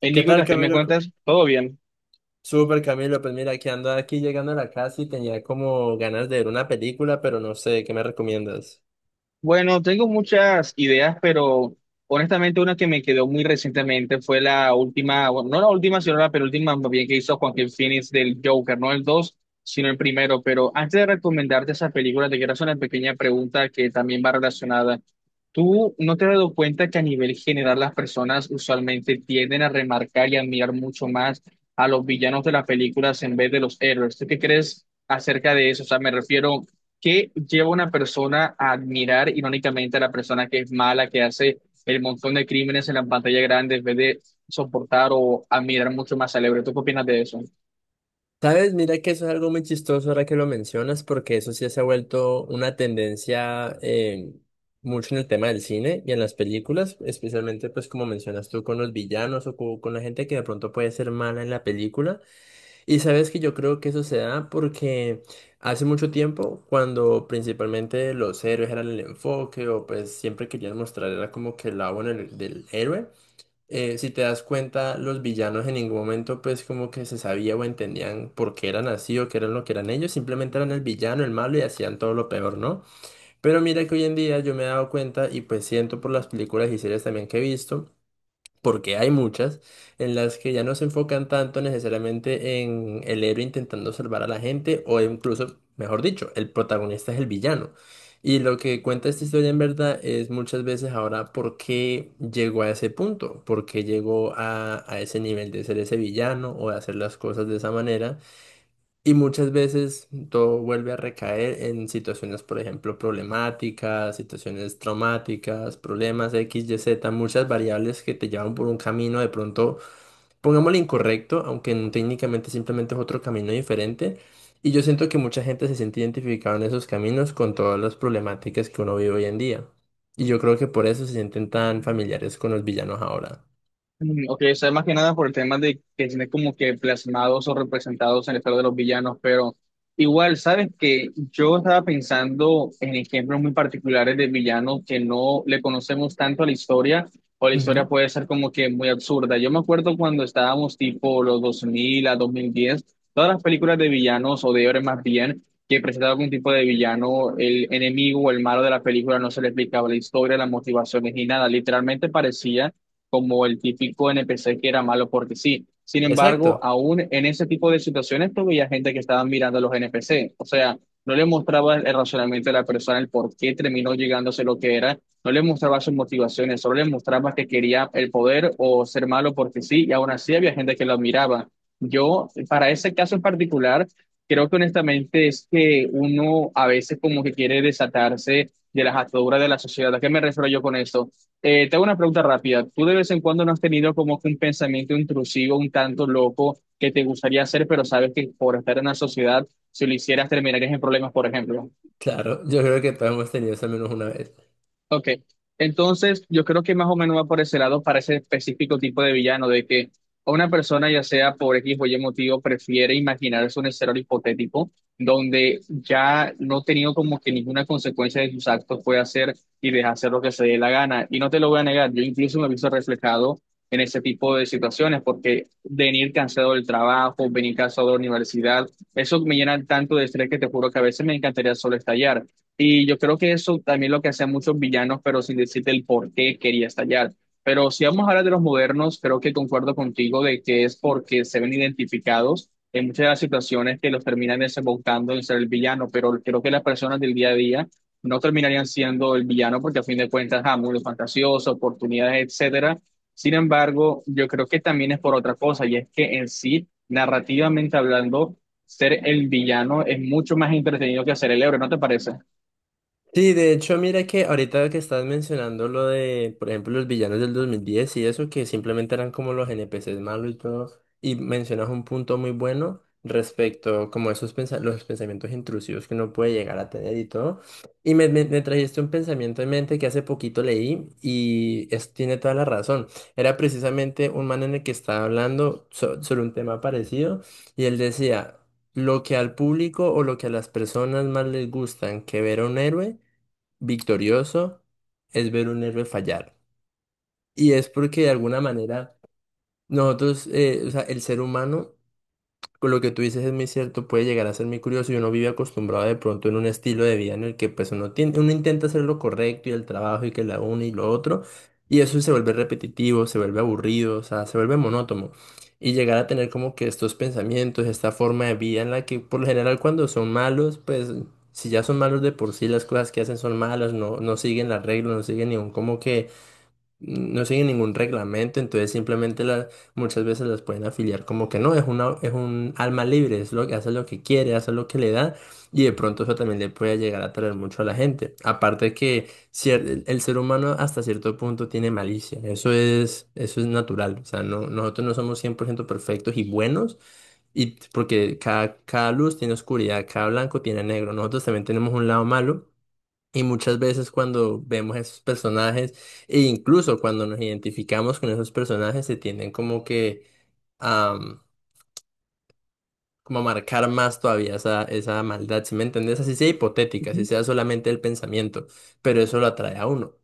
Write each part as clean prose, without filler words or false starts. Hey, ¿Qué tal, Nicolás, ¿qué me Camilo? cuentas? ¿Todo bien? Súper, Camilo. Pues mira, que ando aquí llegando a la casa y tenía como ganas de ver una película, pero no sé, ¿qué me recomiendas? Bueno, tengo muchas ideas, pero honestamente una que me quedó muy recientemente fue la última, bueno, no la última, sino la penúltima, más bien que hizo Joaquin Phoenix del Joker, no el 2, sino el primero. Pero antes de recomendarte esa película, te quiero hacer una pequeña pregunta que también va relacionada. ¿Tú no te has dado cuenta que a nivel general las personas usualmente tienden a remarcar y admirar mucho más a los villanos de las películas en vez de los héroes? ¿Tú qué crees acerca de eso? O sea, me refiero, que lleva a una persona a admirar irónicamente a la persona que es mala, que hace el montón de crímenes en la pantalla grande, en vez de soportar o admirar mucho más al héroe? ¿Tú qué opinas de eso? ¿Sabes? Mira que eso es algo muy chistoso ahora que lo mencionas, porque eso sí se ha vuelto una tendencia mucho en el tema del cine y en las películas, especialmente pues como mencionas tú con los villanos o con la gente que de pronto puede ser mala en la película. Y sabes que yo creo que eso se da porque hace mucho tiempo, cuando principalmente los héroes eran el enfoque o pues siempre querían mostrar era como que el lado bueno del héroe, si te das cuenta, los villanos en ningún momento pues como que se sabía o entendían por qué eran así o qué eran lo que eran ellos, simplemente eran el villano, el malo y hacían todo lo peor, ¿no? Pero mira que hoy en día yo me he dado cuenta y pues siento por las películas y series también que he visto porque hay muchas, en las que ya no se enfocan tanto necesariamente en el héroe intentando salvar a la gente o incluso, mejor dicho, el protagonista es el villano. Y lo que cuenta esta historia en verdad es muchas veces ahora por qué llegó a ese punto, por qué llegó a ese nivel de ser ese villano o de hacer las cosas de esa manera. Y muchas veces todo vuelve a recaer en situaciones, por ejemplo, problemáticas, situaciones traumáticas, problemas X, Y, Z, muchas variables que te llevan por un camino de pronto, pongámosle incorrecto, aunque técnicamente simplemente es otro camino diferente. Y yo siento que mucha gente se siente identificada en esos caminos con todas las problemáticas que uno vive hoy en día. Y yo creo que por eso se sienten tan familiares con los villanos ahora. Mm, ok, o sea, más que nada por el tema de que tiene como que plasmados o representados en el estado de los villanos, pero igual, sabes que yo estaba pensando en ejemplos muy particulares de villanos que no le conocemos tanto a la historia, o la Ujú. historia puede ser como que muy absurda. Yo me acuerdo cuando estábamos tipo los 2000 a 2010, todas las películas de villanos o de héroes más bien, que presentaba algún tipo de villano, el enemigo o el malo de la película no se le explicaba la historia, las motivaciones ni nada, literalmente parecía como el típico NPC que era malo porque sí. Sin embargo, Exacto, aún en ese tipo de situaciones, tú veías gente que estaba mirando a los NPC. O sea, no le mostraba el razonamiento de la persona, el por qué terminó llegándose lo que era. No le mostraba sus motivaciones, solo le mostraba que quería el poder o ser malo porque sí. Y aún así había gente que lo admiraba. Yo, para ese caso en particular, creo que honestamente es que uno a veces como que quiere desatarse de las ataduras de la sociedad. ¿A qué me refiero yo con esto? Te hago una pregunta rápida. ¿Tú de vez en cuando no has tenido como que un pensamiento intrusivo, un tanto loco, que te gustaría hacer, pero sabes que por estar en la sociedad, si lo hicieras, terminarías en problemas, por ejemplo? claro, yo creo que todos hemos tenido eso al menos una vez. Ok, entonces yo creo que más o menos va por ese lado para ese específico tipo de villano, de que una persona, ya sea por X o Y motivo, prefiere imaginarse un escenario hipotético donde ya no ha tenido como que ninguna consecuencia de sus actos, puede hacer y deja hacer lo que se dé la gana. Y no te lo voy a negar, yo incluso me he visto reflejado en ese tipo de situaciones, porque venir cansado del trabajo, venir cansado de la universidad, eso me llena tanto de estrés que te juro que a veces me encantaría solo estallar. Y yo creo que eso también lo que hacían muchos villanos, pero sin decirte el por qué quería estallar. Pero si vamos a hablar de los modernos, creo que concuerdo contigo de que es porque se ven identificados en muchas de las situaciones que los terminan desembocando en ser el villano, pero creo que las personas del día a día no terminarían siendo el villano porque a fin de cuentas, ah, mundo fantasioso, oportunidades, etcétera. Sin embargo, yo creo que también es por otra cosa, y es que en sí, narrativamente hablando, ser el villano es mucho más entretenido que ser el héroe, ¿no te parece? Sí, de hecho, mira que ahorita que estás mencionando lo de, por ejemplo, los villanos del 2010 y eso, que simplemente eran como los NPCs malos y todo, y mencionas un punto muy bueno respecto como esos los pensamientos intrusivos que uno puede llegar a tener y todo. Y me trajiste un pensamiento en mente que hace poquito leí y es, tiene toda la razón. Era precisamente un man en el que estaba hablando sobre un tema parecido y él decía... Lo que al público o lo que a las personas más les gustan que ver a un héroe victorioso es ver un héroe fallar. Y es porque de alguna manera nosotros, o sea, el ser humano con lo que tú dices es muy cierto, puede llegar a ser muy curioso y uno vive acostumbrado de pronto en un estilo de vida en el que pues uno tiene, uno intenta hacer lo correcto y el trabajo y que la una y lo otro, y eso se vuelve repetitivo, se vuelve aburrido, o sea, se vuelve monótono. Y llegar a tener como que estos pensamientos, esta forma de vida en la que por lo general cuando son malos, pues si ya son malos de por sí, las cosas que hacen son malas, no, no siguen las reglas, no siguen ningún como que no siguen ningún reglamento, entonces simplemente muchas veces las pueden afiliar como que no, es una, es un alma libre, es lo que hace lo que quiere, hace lo que le da, y de pronto eso también le puede llegar a traer mucho a la gente. Aparte que el ser humano hasta cierto punto tiene malicia, eso es natural, o sea, no, nosotros no somos 100% perfectos y buenos, y porque cada luz tiene oscuridad, cada blanco tiene negro, nosotros también tenemos un lado malo. Y muchas veces cuando vemos esos personajes, e incluso cuando nos identificamos con esos personajes, se tienden como que a, como a marcar más todavía esa maldad, ¿sí me entendés? Así sea hipotética, así Ujú. sea solamente el pensamiento, pero eso lo atrae a uno.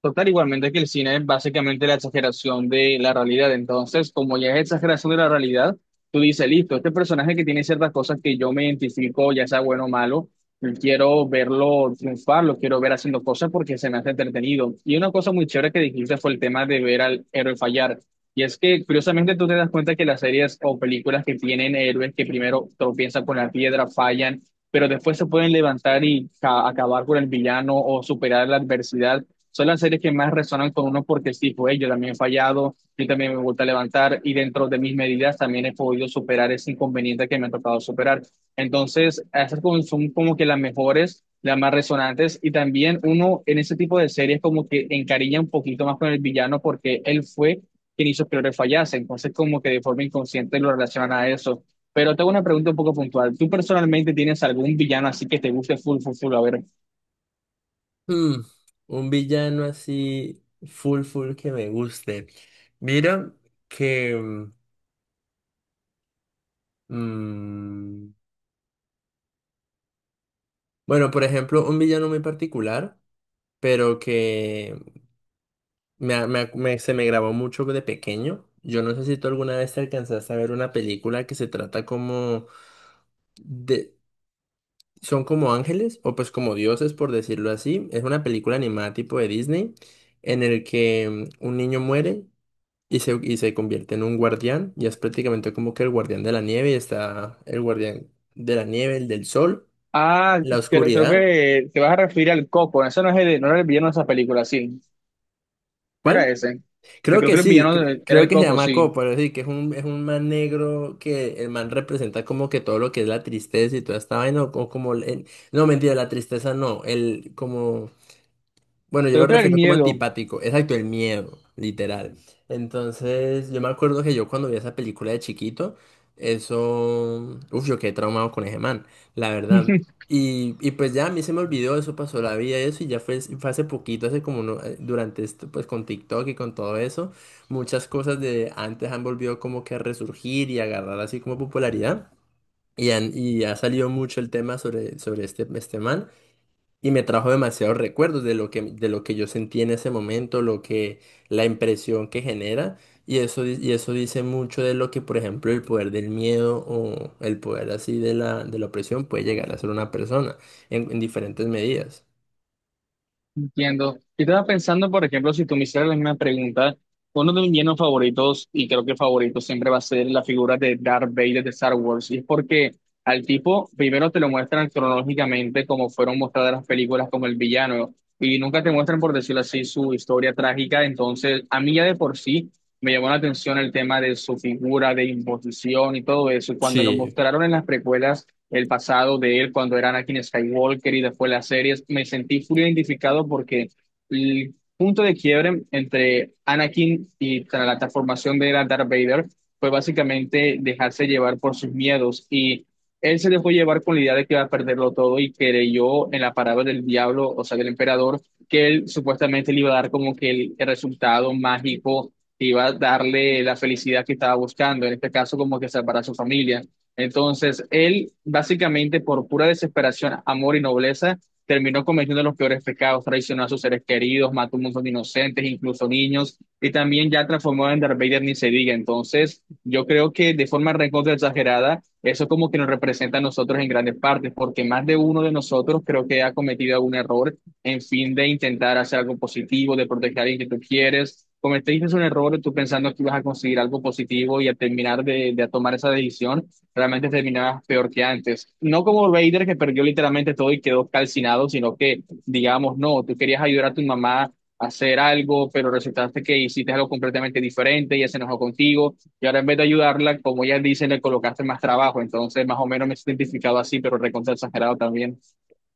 Total, igualmente que el cine es básicamente la exageración de la realidad. Entonces, como ya es exageración de la realidad, tú dices, listo, este personaje que tiene ciertas cosas que yo me identifico, ya sea bueno o malo, y quiero verlo triunfar, lo quiero ver haciendo cosas porque se me hace entretenido. Y una cosa muy chévere que dijiste fue el tema de ver al héroe fallar. Y es que, curiosamente, tú te das cuenta que las series o películas que tienen héroes que primero tropiezan con la piedra, fallan, pero después se pueden levantar y acabar con el villano o superar la adversidad son las series que más resonan con uno porque sí, pues yo también he fallado, yo también me gusta levantar y dentro de mis medidas también he podido superar ese inconveniente que me ha tocado superar. Entonces, son como que las mejores, las más resonantes y también uno en ese tipo de series como que encariña un poquito más con el villano porque él fue quien hizo que Lore fallase, entonces como que de forma inconsciente lo relacionan a eso. Pero tengo una pregunta un poco puntual. ¿Tú personalmente tienes algún villano así que te guste full, full, full? A ver. Hmm, un villano así full full que me guste. Mira que... mm, bueno, por ejemplo, un villano muy particular, pero que se me grabó mucho de pequeño. Yo no sé si tú alguna vez te alcanzaste a ver una película que se trata como de... Son como ángeles o pues como dioses, por decirlo así. Es una película animada tipo de Disney en el que un niño muere y se convierte en un guardián y es prácticamente como que el guardián de la nieve y está el guardián de la nieve, el del sol, Ah, la creo oscuridad. que te vas a referir al Coco. Ese no es el, no era el villano de esa película, sí. Era ¿Cuál? ese. Yo Creo creo que que el sí, era creo el que se Coco, llama sí. Copo, sí, que es un man negro que el man representa como que todo lo que es la tristeza y toda esta vaina, o como, no, mentira, la tristeza no, el, como bueno, yo lo Creo que era el refiero como miedo. antipático, exacto, el miedo, literal. Entonces, yo me acuerdo que yo cuando vi esa película de chiquito, eso, uf, yo quedé traumado con ese man, la verdad. Y pues ya a mí se me olvidó, eso pasó la vida, eso, y ya fue, fue hace poquito, hace como durante esto, pues con TikTok y con todo eso, muchas cosas de antes han volvido como que a resurgir y a agarrar así como popularidad. Y, y ha salido mucho el tema sobre este man. Y me trajo demasiados recuerdos de lo que yo sentí en ese momento, lo que, la impresión que genera. Y eso, y eso dice mucho de lo que, por ejemplo, el poder del miedo o el poder así de de la opresión puede llegar a ser una persona en diferentes medidas. Entiendo. Yo estaba pensando, por ejemplo, si tú me hicieras la misma pregunta, uno de mis villanos favoritos, y creo que favorito siempre va a ser la figura de Darth Vader de Star Wars, y es porque al tipo primero te lo muestran cronológicamente como fueron mostradas las películas como el villano, y nunca te muestran, por decirlo así, su historia trágica, entonces a mí ya de por sí me llamó la atención el tema de su figura, de imposición y todo eso, cuando lo Sí. mostraron en las precuelas el pasado de él cuando era Anakin Skywalker y después las series, me sentí full identificado porque el punto de quiebre entre Anakin y tras la transformación de era Darth Vader fue básicamente dejarse llevar por sus miedos y él se dejó llevar con la idea de que iba a perderlo todo y creyó en la palabra del diablo, o sea, del emperador, que él supuestamente le iba a dar como que el resultado mágico, que iba a darle la felicidad que estaba buscando, en este caso como que salvar a su familia. Entonces, él básicamente por pura desesperación, amor y nobleza, terminó cometiendo los peores pecados, traicionó a sus seres queridos, mató a muchos inocentes, incluso niños, y también ya transformó en Darth Vader ni se diga. Entonces, yo creo que de forma recontra exagerada, eso como que nos representa a nosotros en grandes partes, porque más de uno de nosotros creo que ha cometido algún error en fin de intentar hacer algo positivo, de proteger a alguien que tú quieres. Cometiste un error tú pensando que ibas a conseguir algo positivo y a terminar de tomar esa decisión realmente terminaba peor que antes. No como Vader que perdió literalmente todo y quedó calcinado, sino que, digamos, no, tú querías ayudar a tu mamá a hacer algo, pero resultaste que hiciste algo completamente diferente, ella se enojó contigo y ahora en vez de ayudarla, como ella dice, le colocaste más trabajo. Entonces, más o menos me he identificado así, pero recontra exagerado también.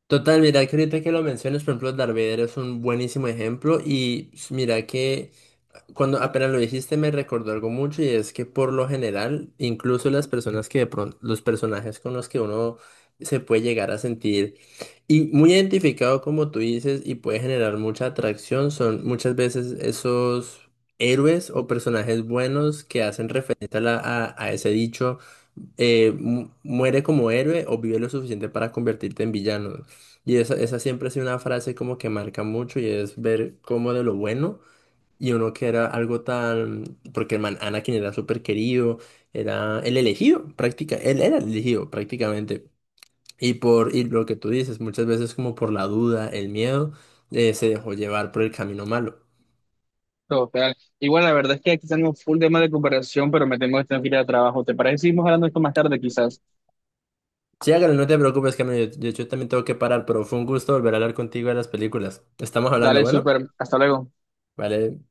Total, mira que ahorita que lo mencionas, por ejemplo, Darth Vader es un buenísimo ejemplo y mira que cuando apenas lo dijiste me recordó algo mucho y es que por lo general, incluso las personas que de pronto, los personajes con los que uno se puede llegar a sentir y muy identificado como tú dices y puede generar mucha atracción son muchas veces esos héroes o personajes buenos que hacen referencia a, a ese dicho, muere como héroe o vive lo suficiente para convertirte en villano. Y esa siempre ha sido una frase como que marca mucho y es ver cómo de lo bueno. Y uno que era algo tan... Porque el man Anakin era súper querido, era el elegido, práctica, él era el elegido prácticamente. Y por lo que tú dices, muchas veces como por la duda, el miedo, se dejó llevar por el camino malo. Total. Igual, la verdad es que aquí tenemos full tema de comparación, pero me tengo que estar en fila de trabajo. ¿Te parece que seguimos hablando de esto más tarde, quizás? Sí, hágale, no te preocupes, Camilo, yo también tengo que parar, pero fue un gusto volver a hablar contigo de las películas. Estamos hablando, Dale, bueno, súper. Hasta luego. vale.